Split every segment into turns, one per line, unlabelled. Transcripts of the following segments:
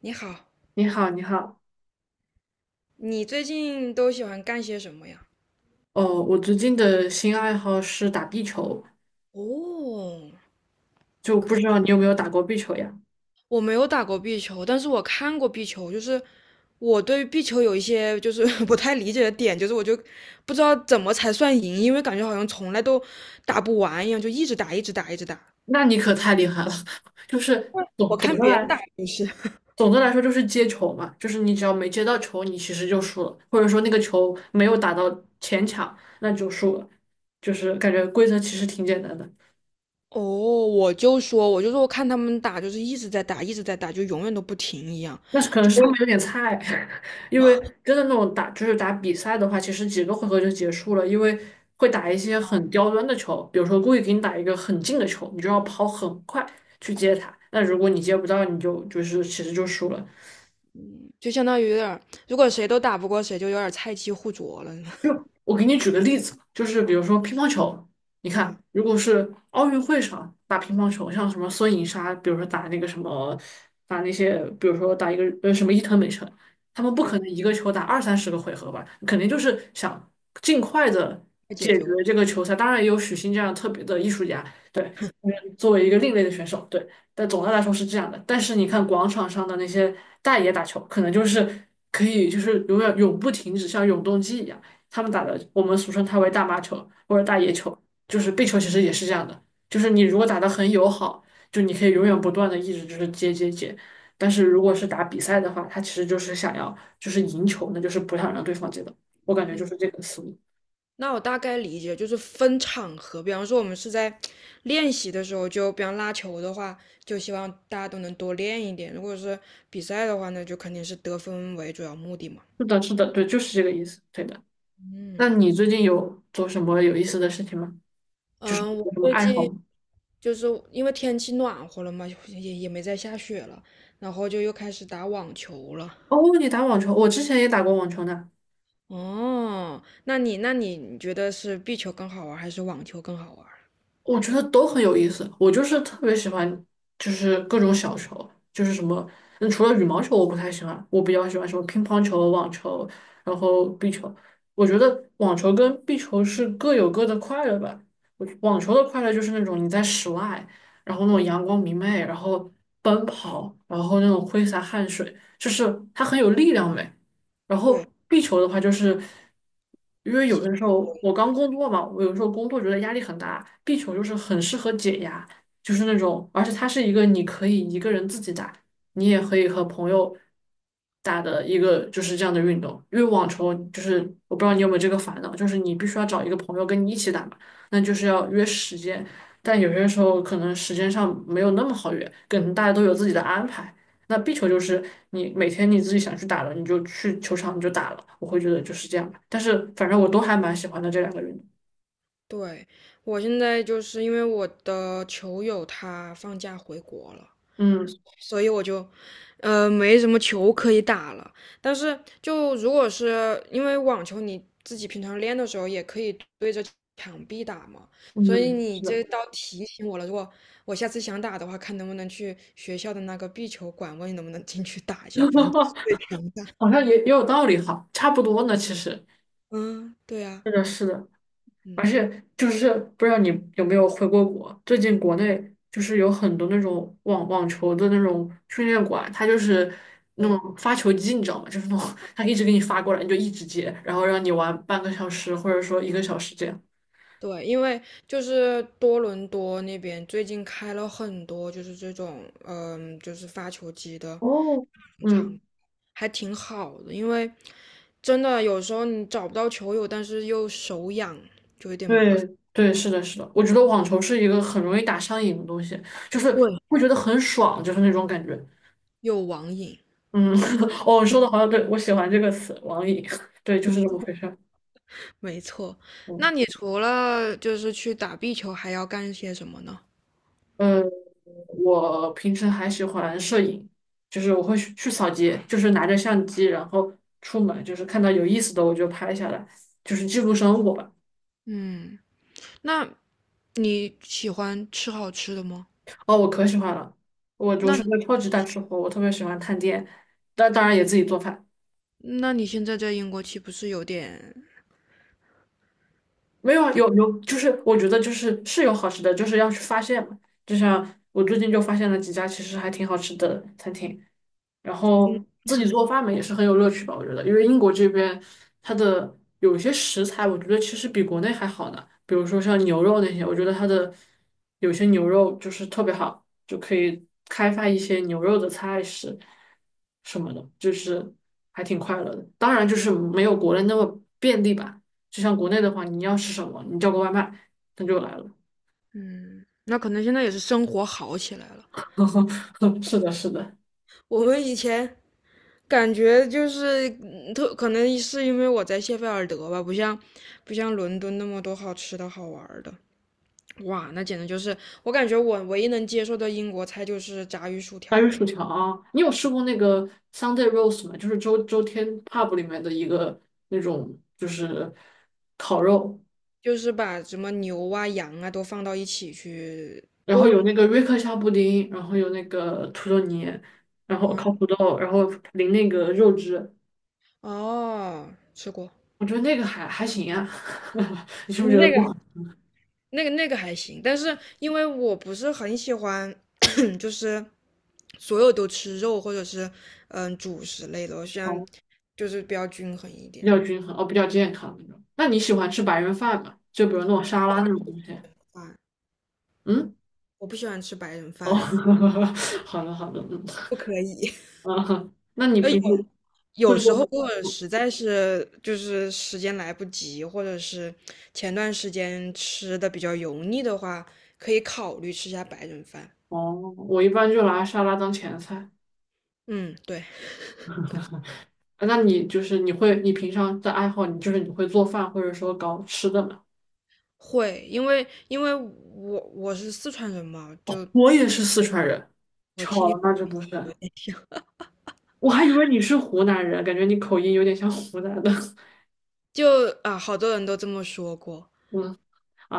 你好，
你好，你好。
你最近都喜欢干些什么呀？
哦，我最近的新爱好是打壁球，
哦，
就不
可
知道你有没有打过壁球呀？
我没有打过壁球，但是我看过壁球，我对壁球有一些不太理解的点，就是我就不知道怎么才算赢，因为感觉好像从来都打不完一样，就一直打，一直打，一直打。
那你可太厉害了，就是
我
总
看
总的
别人
来
打也是。
总的来说就是接球嘛，就是你只要没接到球，你其实就输了，或者说那个球没有打到前场，那就输了，就是感觉规则其实挺简单的。
哦，我就说，我看他们打就是一直在打，一直在打，就永远都不停一样，
那是可能是他们有点菜，因为真的那种打就是打比赛的话，其实几个回合就结束了，因为会打一些很刁钻的球，比如说故意给你打一个很近的球，你就要跑很快去接它。那如果你接不到，你就是其实就输了。
就相当于有点儿，如果谁都打不过谁，就有点儿菜鸡互啄了。
就 我给你举个例子吧就是比如说乒乓球，你看，
嗯
如果是奥运会上打乒乓球，像什么孙颖莎，比如说打那个什么，打那些，比如说打一个什么伊藤美诚，他们不
嗯，
可能一个球打20~30个回合吧，肯定就是想尽快的
太解
解决
决问
这个球赛。当然也有许昕这样特别的艺术家，对，嗯作为一个另类的选手，对。但总的来说是这样的。但是你看广场上的那些大爷打球，可能就是可以就是永远永不停止，像永动机一样。他们打的，我们俗称它为大妈球或者大爷球，就是壁球其实也是这样的，就是你如果打得很友好，就你可以永远不断的一直就是接接接，但是如果是打比赛的话，他其实就是想要就是赢球，那就是不想让对方接到，我感觉就是这个思路。
那我大概理解，就是分场合，比方说我们是在练习的时候，就比方拉球的话，就希望大家都能多练一点；如果是比赛的话那就肯定是得分为主要目的嘛。
是的，是的，对，就是这个意思，对的。那
嗯
你最近有做什么有意思的事情吗？就是
嗯，我
有什么
最
爱好
近
吗？
就是因为天气暖和了嘛，也没再下雪了，然后就又开始打网球了。
哦，你打网球，我之前也打过网球呢。
哦，那你觉得是壁球更好玩，还是网球更好玩？
我觉得都很有意思。我就是特别喜欢，就是各种小球，就是什么，嗯，除了羽毛球我不太喜欢，我比较喜欢什么乒乓球、网球，然后壁球。我觉得网球跟壁球是各有各的快乐吧。我网球的快乐就是那种你在室外，然后那种
对
阳光明媚，然后奔跑，然后那种挥洒汗水，就是它很有力量美。然后
对。
壁球的话，就是因为有的时候我刚工作嘛，我有时候工作觉得压力很大，壁球就是很适合解压，就是那种，而且它是一个你可以一个人自己打，你也可以和朋友打的一个就是这样的运动。因为网球就是我不知道你有没有这个烦恼，就是你必须要找一个朋友跟你一起打嘛，那就是要约时间，但有些时候可能时间上没有那么好约，可能大家都有自己的安排。那壁球就是你每天你自己想去打了，你就去球场你就打了，我会觉得就是这样吧。但是反正我都还蛮喜欢的这两个人。
对，我现在就是因为我的球友他放假回国了，
嗯
所以我就，呃，没什么球可以打了。但是如果是因为网球，你自己平常练的时候也可以对着墙壁打嘛，所以
嗯，
你
是的，
这倒提醒我了。如果我下次想打的话，看能不能去学校的那个壁球馆，问你能不能进去打一下，反正都是 对墙打。
好像也有道理哈，差不多呢，其实
嗯，对啊，
是的，是的。而
嗯，
且就是不知道你有没有回过国，最近国内就是有很多那种网球的那种训练馆，它就是那
对。
种发球机，你知道吗？就是那种 它一直给你发过来，你就一直接，然后让你玩半个小时或者说1个小时这样。
对，因为就是多伦多那边最近开了很多，就是这种，嗯，就是发球机的，
哦，嗯，
还挺好的。因为真的有时候你找不到球友，但是又手痒，就有点麻烦。
对对，是的，是的，我觉得网球是一个很容易打上瘾的东西，就是
对，
会觉得很爽，就是那种感觉。
有网瘾。
嗯，哦，说的好像对，我喜欢这个词，网瘾，对，就是这么回事儿。
没错，那
嗯，
你除了就是去打壁球，还要干些什么呢？
呃，我平时还喜欢摄影，就是我会去扫街，就是拿着相机，然后出门，就是看到有意思的我就拍下来，就是记录生活吧。
嗯，那你喜欢吃好吃的吗？
哦，我可喜欢了，我是
那
个超级大吃货，我特别喜欢探店，但当然也自己做饭。
那你现在在英国岂不是有点？
没有啊，有有，就是我觉得就是是有好吃的，就是要去发现嘛。就像我最近就发现了几家其实还挺好吃的餐厅，然后
你
自己
看
做饭嘛也是很有乐趣吧，我觉得，因为英国这边它的有些食材，我觉得其实比国内还好呢，比如说像牛肉那些，我觉得它的有些牛肉就是特别好，就可以开发一些牛肉的菜式什么的，就是还挺快乐的。当然就是没有国内那么便利吧，就像国内的话，你要吃什么，你叫个外卖，它就来了。
嗯，那可能现在也是生活好起来了。
是的，是的。
我们以前感觉就是，可能是因为我在谢菲尔德吧，不像伦敦那么多好吃的好玩儿的。哇，那简直就是我感觉我唯一能接受的英国菜就是炸鱼薯
白玉
条了，
薯条啊，你有试过那个 Sunday roast 吗？就是周天 pub 里面的一个那种，就是烤肉，
就是把什么牛啊、羊啊都放到一起去
然后有
炖。
那个瑞克夏布丁，然后有那个土豆泥，然后烤土豆，然后淋那个肉汁，
哦，吃过
我觉得那个还行啊。你是不是觉得
那个
不好？
那个还行，但是因为我不是很喜欢就是所有都吃肉或者是嗯主食类的，我喜欢
哦，
就是比较均衡一
比
点。
较均衡，哦，比较健康那种。那你喜欢吃白人饭吗？就比如那种沙
白
拉那种
人
东西？
饭，
嗯，
我不喜欢吃白人
哦，
饭，
好的好的，嗯
不可以。
嗯，那你
呃，有
平时会
有时候
做？
如果实在是就是时间来不及，或者是前段时间吃的比较油腻的话，可以考虑吃下白人饭。
哦，我一般就拿沙拉当前菜。
嗯，对，
啊那你就是你会，你平常的爱好，你就是你会做饭，或者说搞吃的吗？
会，因为我是四川人嘛，就
我也是四川人，
我
巧
听你
了，那就不是。
有点像
我还以为你是湖南人，感觉你口音有点像湖南的。
就啊，好多人都这么说过。
嗯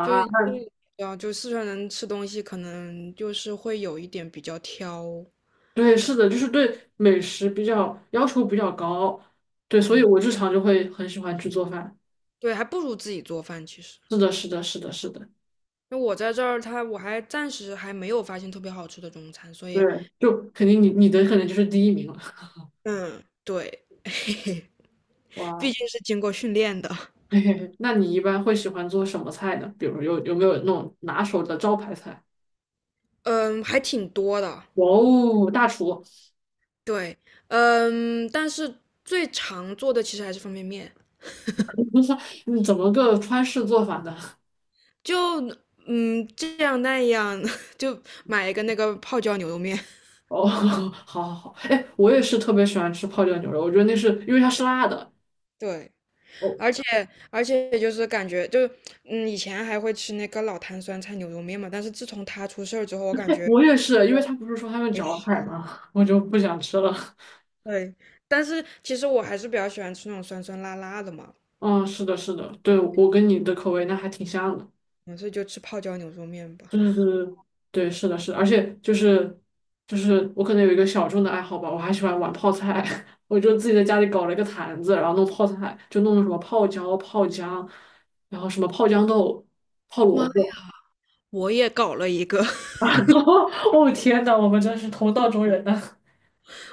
就因为啊，就四川人吃东西可能就是会有一点比较挑，
对，是的，就是对美食比较要求比较高，对，所以
嗯，
我日常就会很喜欢去做饭。
对，还不如自己做饭。其实，
是的，是的，是的，是的，
那我在这儿，我还暂时还没有发现特别好吃的中餐，所
对，
以，
就肯定你的可能就是第一名了。
嗯，对，
哇。
毕竟是经过训练的。
嘿嘿嘿，那你一般会喜欢做什么菜呢？比如有没有那种拿手的招牌菜？
嗯，还挺多的，
哇哦，大厨，
对，嗯，但是最常做的其实还是方便面，
你怎么个川式做法呢？
就嗯这样那样，就买一个那个泡椒牛肉面。
哦，好好好，哎，我也是特别喜欢吃泡椒牛肉，我觉得那是因为它是辣的。
对。
哦，
而且而且就是感觉就是，嗯，以前还会吃那个老坛酸菜牛肉面嘛，但是自从他出事儿之后，我感
哎，
觉
我也是，因为他不是说他们搅海吗？我就不想吃了。
对，但是其实我还是比较喜欢吃那种酸酸辣辣的嘛，
嗯，是的，是的，对，我跟你的口味那还挺像的。
嗯所以就吃泡椒牛肉面吧。
对对对，对，是的，是的，而且就是就是我可能有一个小众的爱好吧，我还喜欢玩泡菜，我就自己在家里搞了一个坛子，然后弄泡菜，就弄什么泡椒、泡姜，然后什么泡豇豆、泡
妈
萝
呀
卜，
我也搞了一个，
然 后哦天呐，我们真是同道中人呐、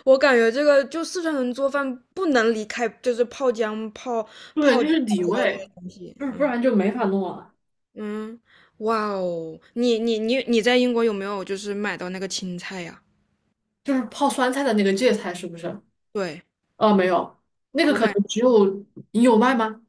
我感觉这个就四川人做饭不能离开就是泡姜、泡
对，
泡泡
就是底
椒这些
味。
东西，
就是不
嗯
然就没法弄了。
嗯，哇哦，你在英国有没有就是买到那个青菜呀？
就是泡酸菜的那个芥菜是不是？
对，
啊，没有，那个
我
可
买。
能只有你有卖吗？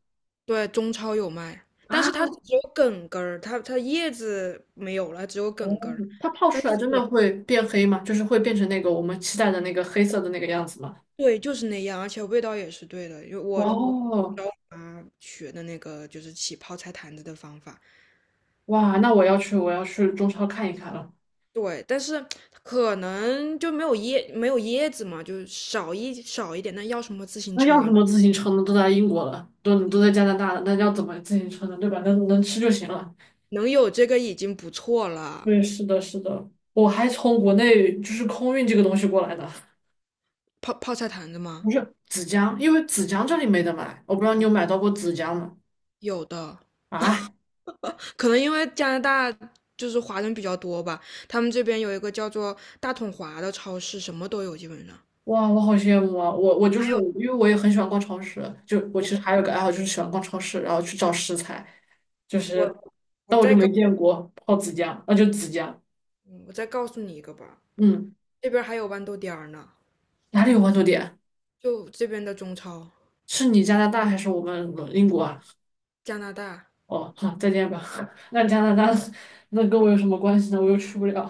对，中超有卖，但是它
啊？
是只有梗根儿，它叶子没有了，只有
哦，
梗根儿。
它泡
但
出
是
来真的
也
会变黑吗？就是会变成那个我们期待的那个黑色的那个样子吗？
对，就是那样，而且味道也是对的。因为我
哦，
教我妈学的那个就是起泡菜坛子的方法，
哇，那我要去，我要去中超看一看了。
对，但是可能就没有没有叶子嘛，就少一点。那要什么自行
那要什
车？
么自行车呢？都在英国了，都在加拿大了，那要怎么自行车呢？对吧？能能吃就行了。
能有这个已经不错了。
对，是的，是的，我还从国内就是空运这个东西过来的，
泡泡菜坛子吗？
不是紫姜，因为紫姜这里没得买，我不知道你有买到过紫姜吗？
有的。
啊？
可能因为加拿大就是华人比较多吧，他们这边有一个叫做大统华的超市，什么都有，基本上。
哇，我好羡慕啊！我我就
还
是
有
因为我也很喜欢逛超市，就我其实还有个爱好就是喜欢逛超市，然后去找食材，就是
我我
但我就
再告
没见过泡子酱，那就子酱，
嗯我再告诉你一个吧，
嗯，
这边还有豌豆颠儿呢，
哪里有豌豆点？
就这边的中超，
是你加拿大还是我们英国啊？
加拿大，
哦，好，再见吧。那加拿大那跟我有什么关系呢？我又去不了，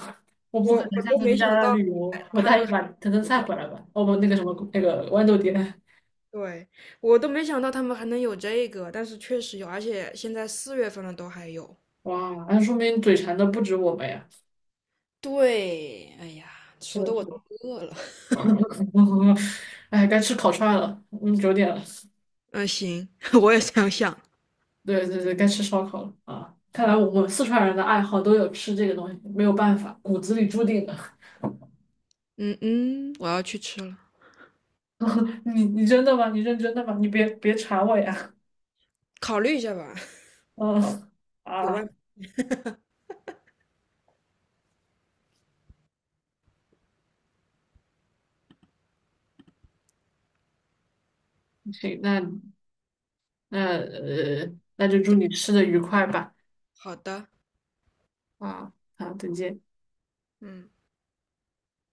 我不可
我我
能下
都
次去
没
加拿
想
大
到
旅游，我
他
带一
们还
把藤根菜回来吧。哦不，那个什么那个豌豆点，
对我都没想到他们还能有这个，但是确实有，而且现在四月份了都还有。
哇，那说明嘴馋的不止我们呀。
对，哎呀，
是
说
的，
的
是
我
的。
都饿了。
哎，该吃烤串了，嗯，9点了，
嗯，行，我也这样想。
对对对，该吃烧烤了啊！看来我们四川人的爱好都有吃这个东西，没有办法，骨子里注定的。
嗯嗯，我要去吃了。
你你真的吗？你认真的吗？你别别馋我呀！
考虑一下吧。
嗯
有
啊，
外，
行，那那那就祝你吃的愉快吧！
好的，
啊好，再见。
嗯。